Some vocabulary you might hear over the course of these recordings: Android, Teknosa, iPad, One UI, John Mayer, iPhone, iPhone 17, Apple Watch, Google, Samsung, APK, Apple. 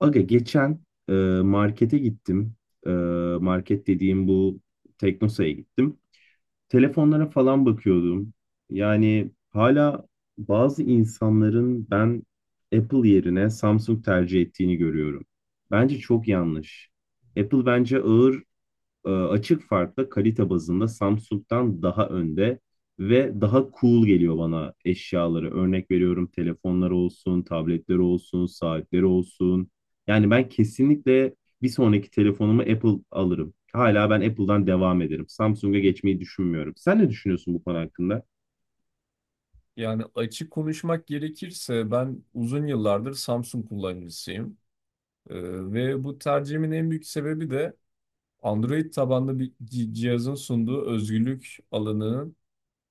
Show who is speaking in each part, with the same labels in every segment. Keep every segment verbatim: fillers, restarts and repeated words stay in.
Speaker 1: Aga geçen e, markete gittim. E, market dediğim bu Teknosa'ya gittim. Telefonlara falan bakıyordum. Yani hala bazı insanların ben Apple yerine Samsung tercih ettiğini görüyorum. Bence çok yanlış. Apple bence ağır e, açık farkla kalite bazında Samsung'dan daha önde ve daha cool geliyor bana eşyaları. Örnek veriyorum telefonları olsun, tabletleri olsun, saatleri olsun. Yani ben kesinlikle bir sonraki telefonumu Apple alırım. Hala ben Apple'dan devam ederim. Samsung'a geçmeyi düşünmüyorum. Sen ne düşünüyorsun bu konu hakkında?
Speaker 2: Yani açık konuşmak gerekirse ben uzun yıllardır Samsung kullanıcısıyım. Ee, Ve bu tercihimin en büyük sebebi de Android tabanlı bir ci- cihazın sunduğu özgürlük alanının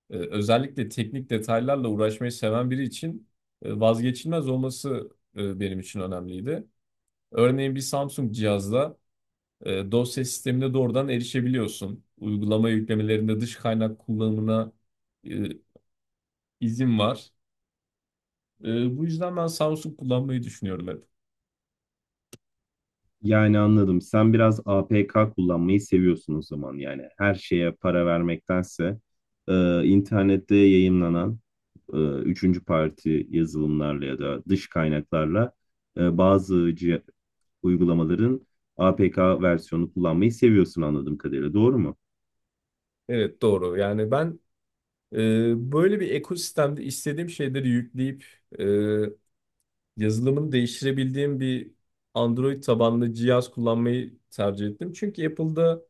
Speaker 2: e, özellikle teknik detaylarla uğraşmayı seven biri için e, vazgeçilmez olması e, benim için önemliydi. Örneğin bir Samsung cihazda e, dosya sistemine doğrudan erişebiliyorsun. Uygulama yüklemelerinde dış kaynak kullanımına e, izin var. Ee, bu yüzden ben Samsung kullanmayı düşünüyorum hep.
Speaker 1: Yani anladım. Sen biraz A P K kullanmayı seviyorsun o zaman yani. Her şeye para vermektense e, internette yayınlanan e, üçüncü parti yazılımlarla ya da dış kaynaklarla e, bazı cih- uygulamaların A P K versiyonu kullanmayı seviyorsun anladığım kadarıyla. Doğru mu?
Speaker 2: Evet, doğru. Yani ben e, böyle bir ekosistemde istediğim şeyleri yükleyip e, yazılımını değiştirebildiğim bir Android tabanlı cihaz kullanmayı tercih ettim. Çünkü Apple'da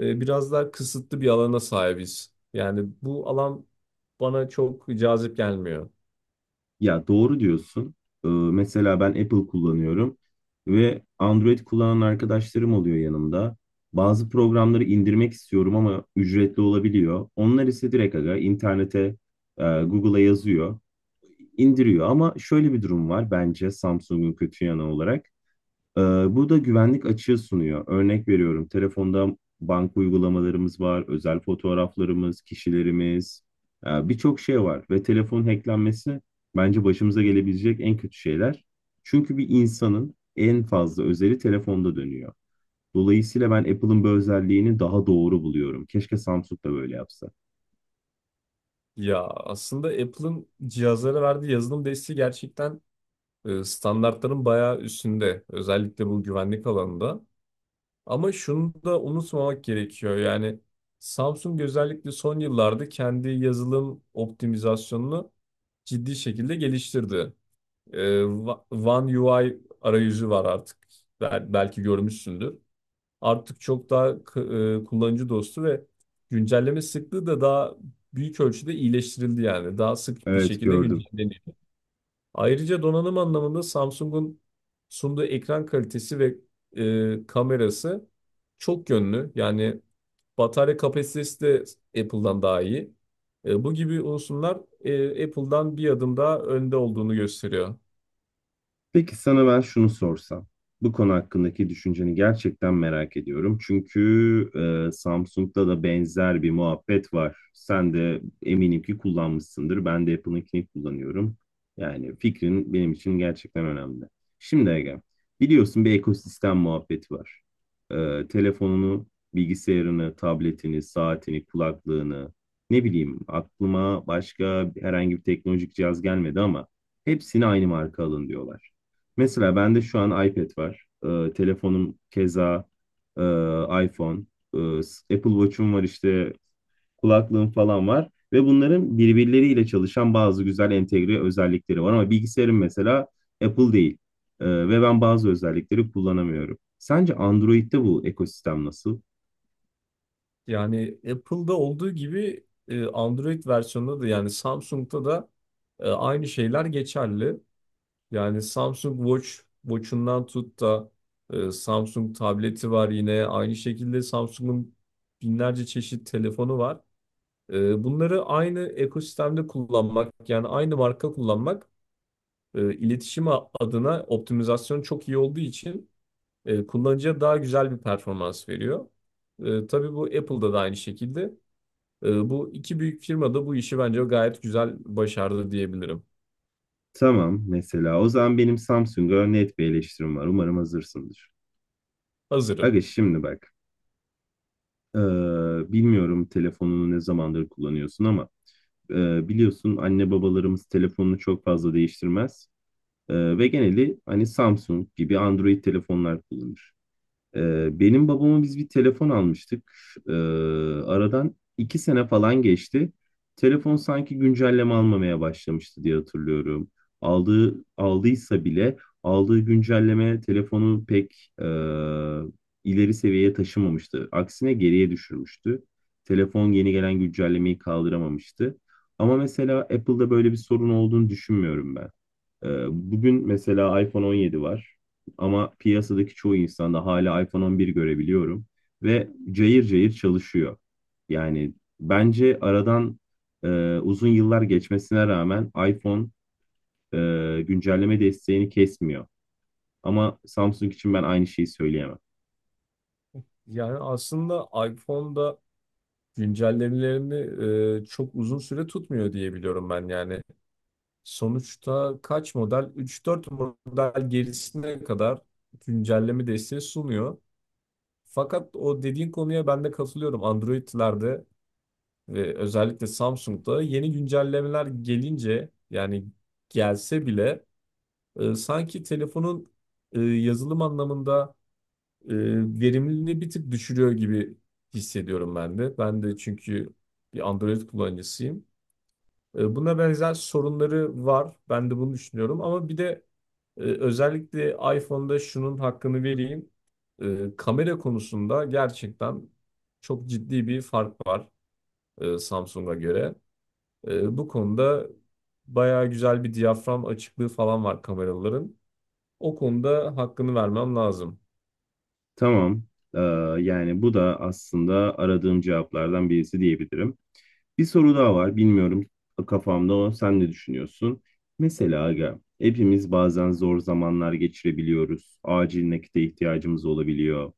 Speaker 2: e, biraz daha kısıtlı bir alana sahibiz. Yani bu alan bana çok cazip gelmiyor.
Speaker 1: Ya doğru diyorsun. Ee, mesela ben Apple kullanıyorum ve Android kullanan arkadaşlarım oluyor yanımda. Bazı programları indirmek istiyorum ama ücretli olabiliyor. Onlar ise direkt aga internete, e, Google'a yazıyor, indiriyor. Ama şöyle bir durum var bence Samsung'un kötü yanı olarak. Ee, Bu da güvenlik açığı sunuyor. Örnek veriyorum, telefonda banka uygulamalarımız var, özel fotoğraflarımız, kişilerimiz, e, birçok şey var. Ve telefon hacklenmesi bence başımıza gelebilecek en kötü şeyler. Çünkü bir insanın en fazla özeli telefonda dönüyor. Dolayısıyla ben Apple'ın bu özelliğini daha doğru buluyorum. Keşke Samsung da böyle yapsa.
Speaker 2: Ya aslında Apple'ın cihazlara verdiği yazılım desteği gerçekten e, standartların bayağı üstünde. Özellikle bu güvenlik alanında. Ama şunu da unutmamak gerekiyor. Yani Samsung özellikle son yıllarda kendi yazılım optimizasyonunu ciddi şekilde geliştirdi. Ee, Va- One U I arayüzü var artık. Bel- Belki görmüşsündür. Artık çok daha k- e, kullanıcı dostu ve güncelleme sıklığı da daha büyük ölçüde iyileştirildi yani. Daha sık bir
Speaker 1: Evet
Speaker 2: şekilde
Speaker 1: gördüm.
Speaker 2: güncelleniyor. Ayrıca donanım anlamında Samsung'un sunduğu ekran kalitesi ve e, kamerası çok yönlü. Yani batarya kapasitesi de Apple'dan daha iyi. E, bu gibi unsurlar e, Apple'dan bir adım daha önde olduğunu gösteriyor.
Speaker 1: Peki sana ben şunu sorsam. Bu konu hakkındaki düşünceni gerçekten merak ediyorum. Çünkü e, Samsung'da da benzer bir muhabbet var. Sen de eminim ki kullanmışsındır. Ben de Apple'ınkini kullanıyorum. Yani fikrin benim için gerçekten önemli. Şimdi Ege, biliyorsun bir ekosistem muhabbeti var. E, telefonunu, bilgisayarını, tabletini, saatini, kulaklığını, ne bileyim aklıma başka herhangi bir teknolojik cihaz gelmedi ama hepsini aynı marka alın diyorlar. Mesela bende şu an iPad var. Ee, telefonum keza e, iPhone. Ee, Apple Watch'um var işte kulaklığım falan var. Ve bunların birbirleriyle çalışan bazı güzel entegre özellikleri var. Ama bilgisayarım mesela Apple değil. Ee, ve ben bazı özellikleri kullanamıyorum. Sence Android'de bu ekosistem nasıl?
Speaker 2: Yani Apple'da olduğu gibi e, Android versiyonunda da, yani Samsung'da da e, aynı şeyler geçerli. Yani Samsung Watch, Watch'undan tut da e, Samsung tableti var yine. Aynı şekilde Samsung'un binlerce çeşit telefonu var. E, bunları aynı ekosistemde kullanmak, yani aynı marka kullanmak, e, iletişim a- adına optimizasyon çok iyi olduğu için e, kullanıcıya daha güzel bir performans veriyor. E, tabii bu Apple'da da aynı şekilde. E, bu iki büyük firma da bu işi bence gayet güzel başardı diyebilirim.
Speaker 1: Tamam, mesela o zaman benim Samsung'a net bir eleştirim var. Umarım hazırsındır.
Speaker 2: Hazırım.
Speaker 1: Aga şimdi bak. Ee, bilmiyorum telefonunu ne zamandır kullanıyorsun ama Ee, biliyorsun anne babalarımız telefonunu çok fazla değiştirmez. Ee, ve geneli hani Samsung gibi Android telefonlar kullanır. Ee, benim babama biz bir telefon almıştık. Ee, aradan iki sene falan geçti. Telefon sanki güncelleme almamaya başlamıştı diye hatırlıyorum. Aldığı aldıysa bile aldığı güncelleme telefonu pek e, ileri seviyeye taşımamıştı. Aksine geriye düşürmüştü. Telefon yeni gelen güncellemeyi kaldıramamıştı. Ama mesela Apple'da böyle bir sorun olduğunu düşünmüyorum ben. Ee, Bugün mesela iPhone on yedi var ama piyasadaki çoğu insanda hala iPhone on bir görebiliyorum ve cayır cayır çalışıyor. Yani bence aradan e, uzun yıllar geçmesine rağmen iPhone e, güncelleme desteğini kesmiyor. Ama Samsung için ben aynı şeyi söyleyemem.
Speaker 2: Yani aslında iPhone'da güncellemelerini e, çok uzun süre tutmuyor diye biliyorum ben yani. Sonuçta kaç model? Üç dört model gerisine kadar güncelleme desteği sunuyor. Fakat o dediğin konuya ben de katılıyorum. Android'lerde ve özellikle Samsung'da yeni güncellemeler gelince, yani gelse bile, e, sanki telefonun e, yazılım anlamında e, verimliliğini bir tık düşürüyor gibi hissediyorum ben de. Ben de, çünkü bir Android kullanıcısıyım. E, Buna benzer sorunları var. Ben de bunu düşünüyorum. Ama bir de e, özellikle iPhone'da şunun hakkını vereyim. E, Kamera konusunda gerçekten çok ciddi bir fark var e, Samsung'a göre. E, Bu konuda bayağı güzel bir diyafram açıklığı falan var kameraların. O konuda hakkını vermem lazım.
Speaker 1: Tamam, e, yani bu da aslında aradığım cevaplardan birisi diyebilirim. Bir soru daha var. Bilmiyorum kafamda o. Sen ne düşünüyorsun? Mesela aga, hepimiz bazen zor zamanlar geçirebiliyoruz. Acil nakite ihtiyacımız olabiliyor.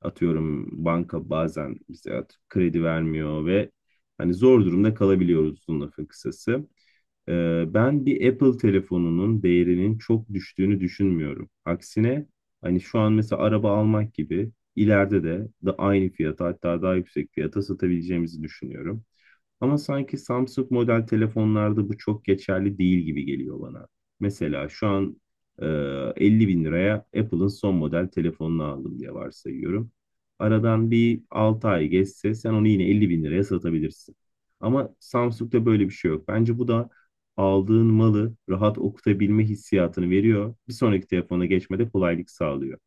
Speaker 1: Atıyorum banka bazen bize at- kredi vermiyor ve hani zor durumda kalabiliyoruz uzun lafın kısası. Ee, ben bir Apple telefonunun değerinin çok düştüğünü düşünmüyorum. Aksine hani şu an mesela araba almak gibi ileride de, de aynı fiyata hatta daha yüksek fiyata satabileceğimizi düşünüyorum. Ama sanki Samsung model telefonlarda bu çok geçerli değil gibi geliyor bana. Mesela şu an e, 50 bin liraya Apple'ın son model telefonunu aldım diye varsayıyorum. Aradan bir altı ay geçse sen onu yine 50 bin liraya satabilirsin. Ama Samsung'da böyle bir şey yok. Bence bu da aldığın malı rahat okutabilme hissiyatını veriyor. Bir sonraki telefona geçmede kolaylık sağlıyor.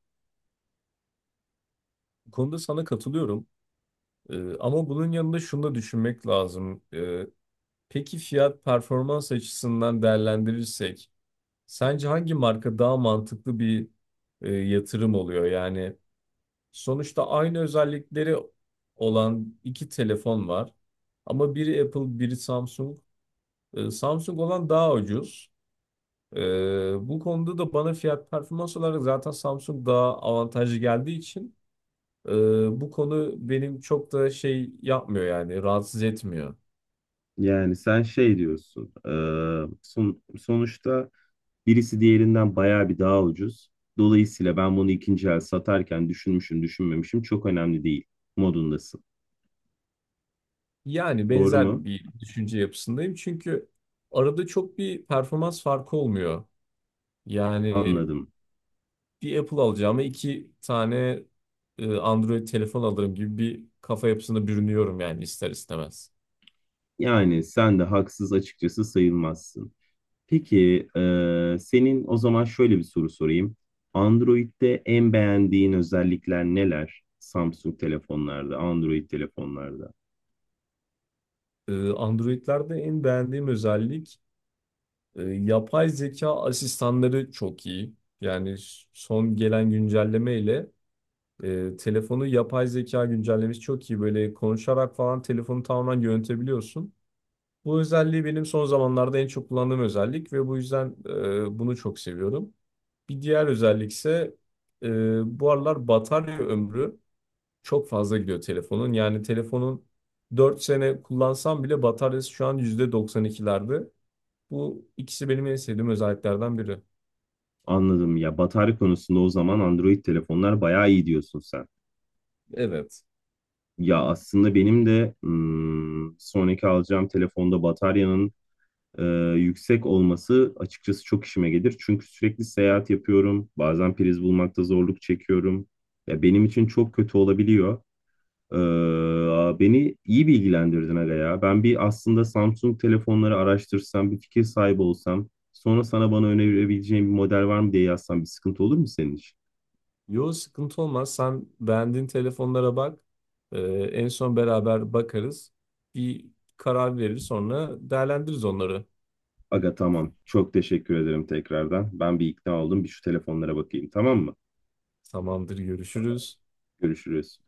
Speaker 2: Bu konuda sana katılıyorum. E, Ama bunun yanında şunu da düşünmek lazım. E, Peki fiyat performans açısından değerlendirirsek sence hangi marka daha mantıklı bir e, yatırım oluyor? Yani sonuçta aynı özellikleri olan iki telefon var. Ama biri Apple, biri Samsung. E, Samsung olan daha ucuz. E, Bu konuda da bana fiyat performans olarak zaten Samsung daha avantajlı geldiği için e, bu konu benim çok da şey yapmıyor, yani rahatsız etmiyor.
Speaker 1: Yani sen şey diyorsun, e, son, sonuçta birisi diğerinden bayağı bir daha ucuz. Dolayısıyla ben bunu ikinci el satarken düşünmüşüm, düşünmemişim çok önemli değil modundasın.
Speaker 2: Yani
Speaker 1: Doğru mu?
Speaker 2: benzer bir düşünce yapısındayım çünkü arada çok bir performans farkı olmuyor. Yani
Speaker 1: Anladım.
Speaker 2: bir Apple alacağıma iki tane e, Android telefon alırım gibi bir kafa yapısına bürünüyorum yani ister istemez.
Speaker 1: Yani sen de haksız açıkçası sayılmazsın. Peki, e, senin o zaman şöyle bir soru sorayım. Android'de en beğendiğin özellikler neler? Samsung telefonlarda, Android telefonlarda.
Speaker 2: E, Android'lerde en beğendiğim özellik, e, yapay zeka asistanları çok iyi. Yani s- son gelen güncelleme ile e, telefonu yapay zeka güncellemesi çok iyi. Böyle konuşarak falan telefonu tamamen yönetebiliyorsun. Bu özelliği benim son zamanlarda en çok kullandığım özellik ve bu yüzden e, bunu çok seviyorum. Bir diğer özellik ise e, bu aralar batarya ömrü çok fazla gidiyor telefonun. Yani telefonun dört sene kullansam bile bataryası şu an yüzde doksan ikilerde. Bu ikisi benim en sevdiğim özelliklerden biri.
Speaker 1: Anladım ya, batarya konusunda o zaman Android telefonlar bayağı iyi diyorsun sen.
Speaker 2: Evet.
Speaker 1: Ya aslında benim de hmm, sonraki alacağım telefonda bataryanın e, yüksek olması açıkçası çok işime gelir. Çünkü sürekli seyahat yapıyorum. Bazen priz bulmakta zorluk çekiyorum. Ya benim için çok kötü olabiliyor. Ee, beni iyi bilgilendirdin aga ya. Ben bir aslında Samsung telefonları araştırsam, bir fikir sahibi olsam, sonra sana bana önerebileceğin bir model var mı diye yazsam bir sıkıntı olur mu senin için?
Speaker 2: Yo, sıkıntı olmaz. Sen beğendiğin telefonlara bak. E, en son beraber bakarız. Bir karar verir, sonra değerlendiririz onları.
Speaker 1: Aga tamam. Çok teşekkür ederim tekrardan. Ben bir ikna oldum. Bir şu telefonlara bakayım, tamam mı?
Speaker 2: Tamamdır, görüşürüz.
Speaker 1: Görüşürüz.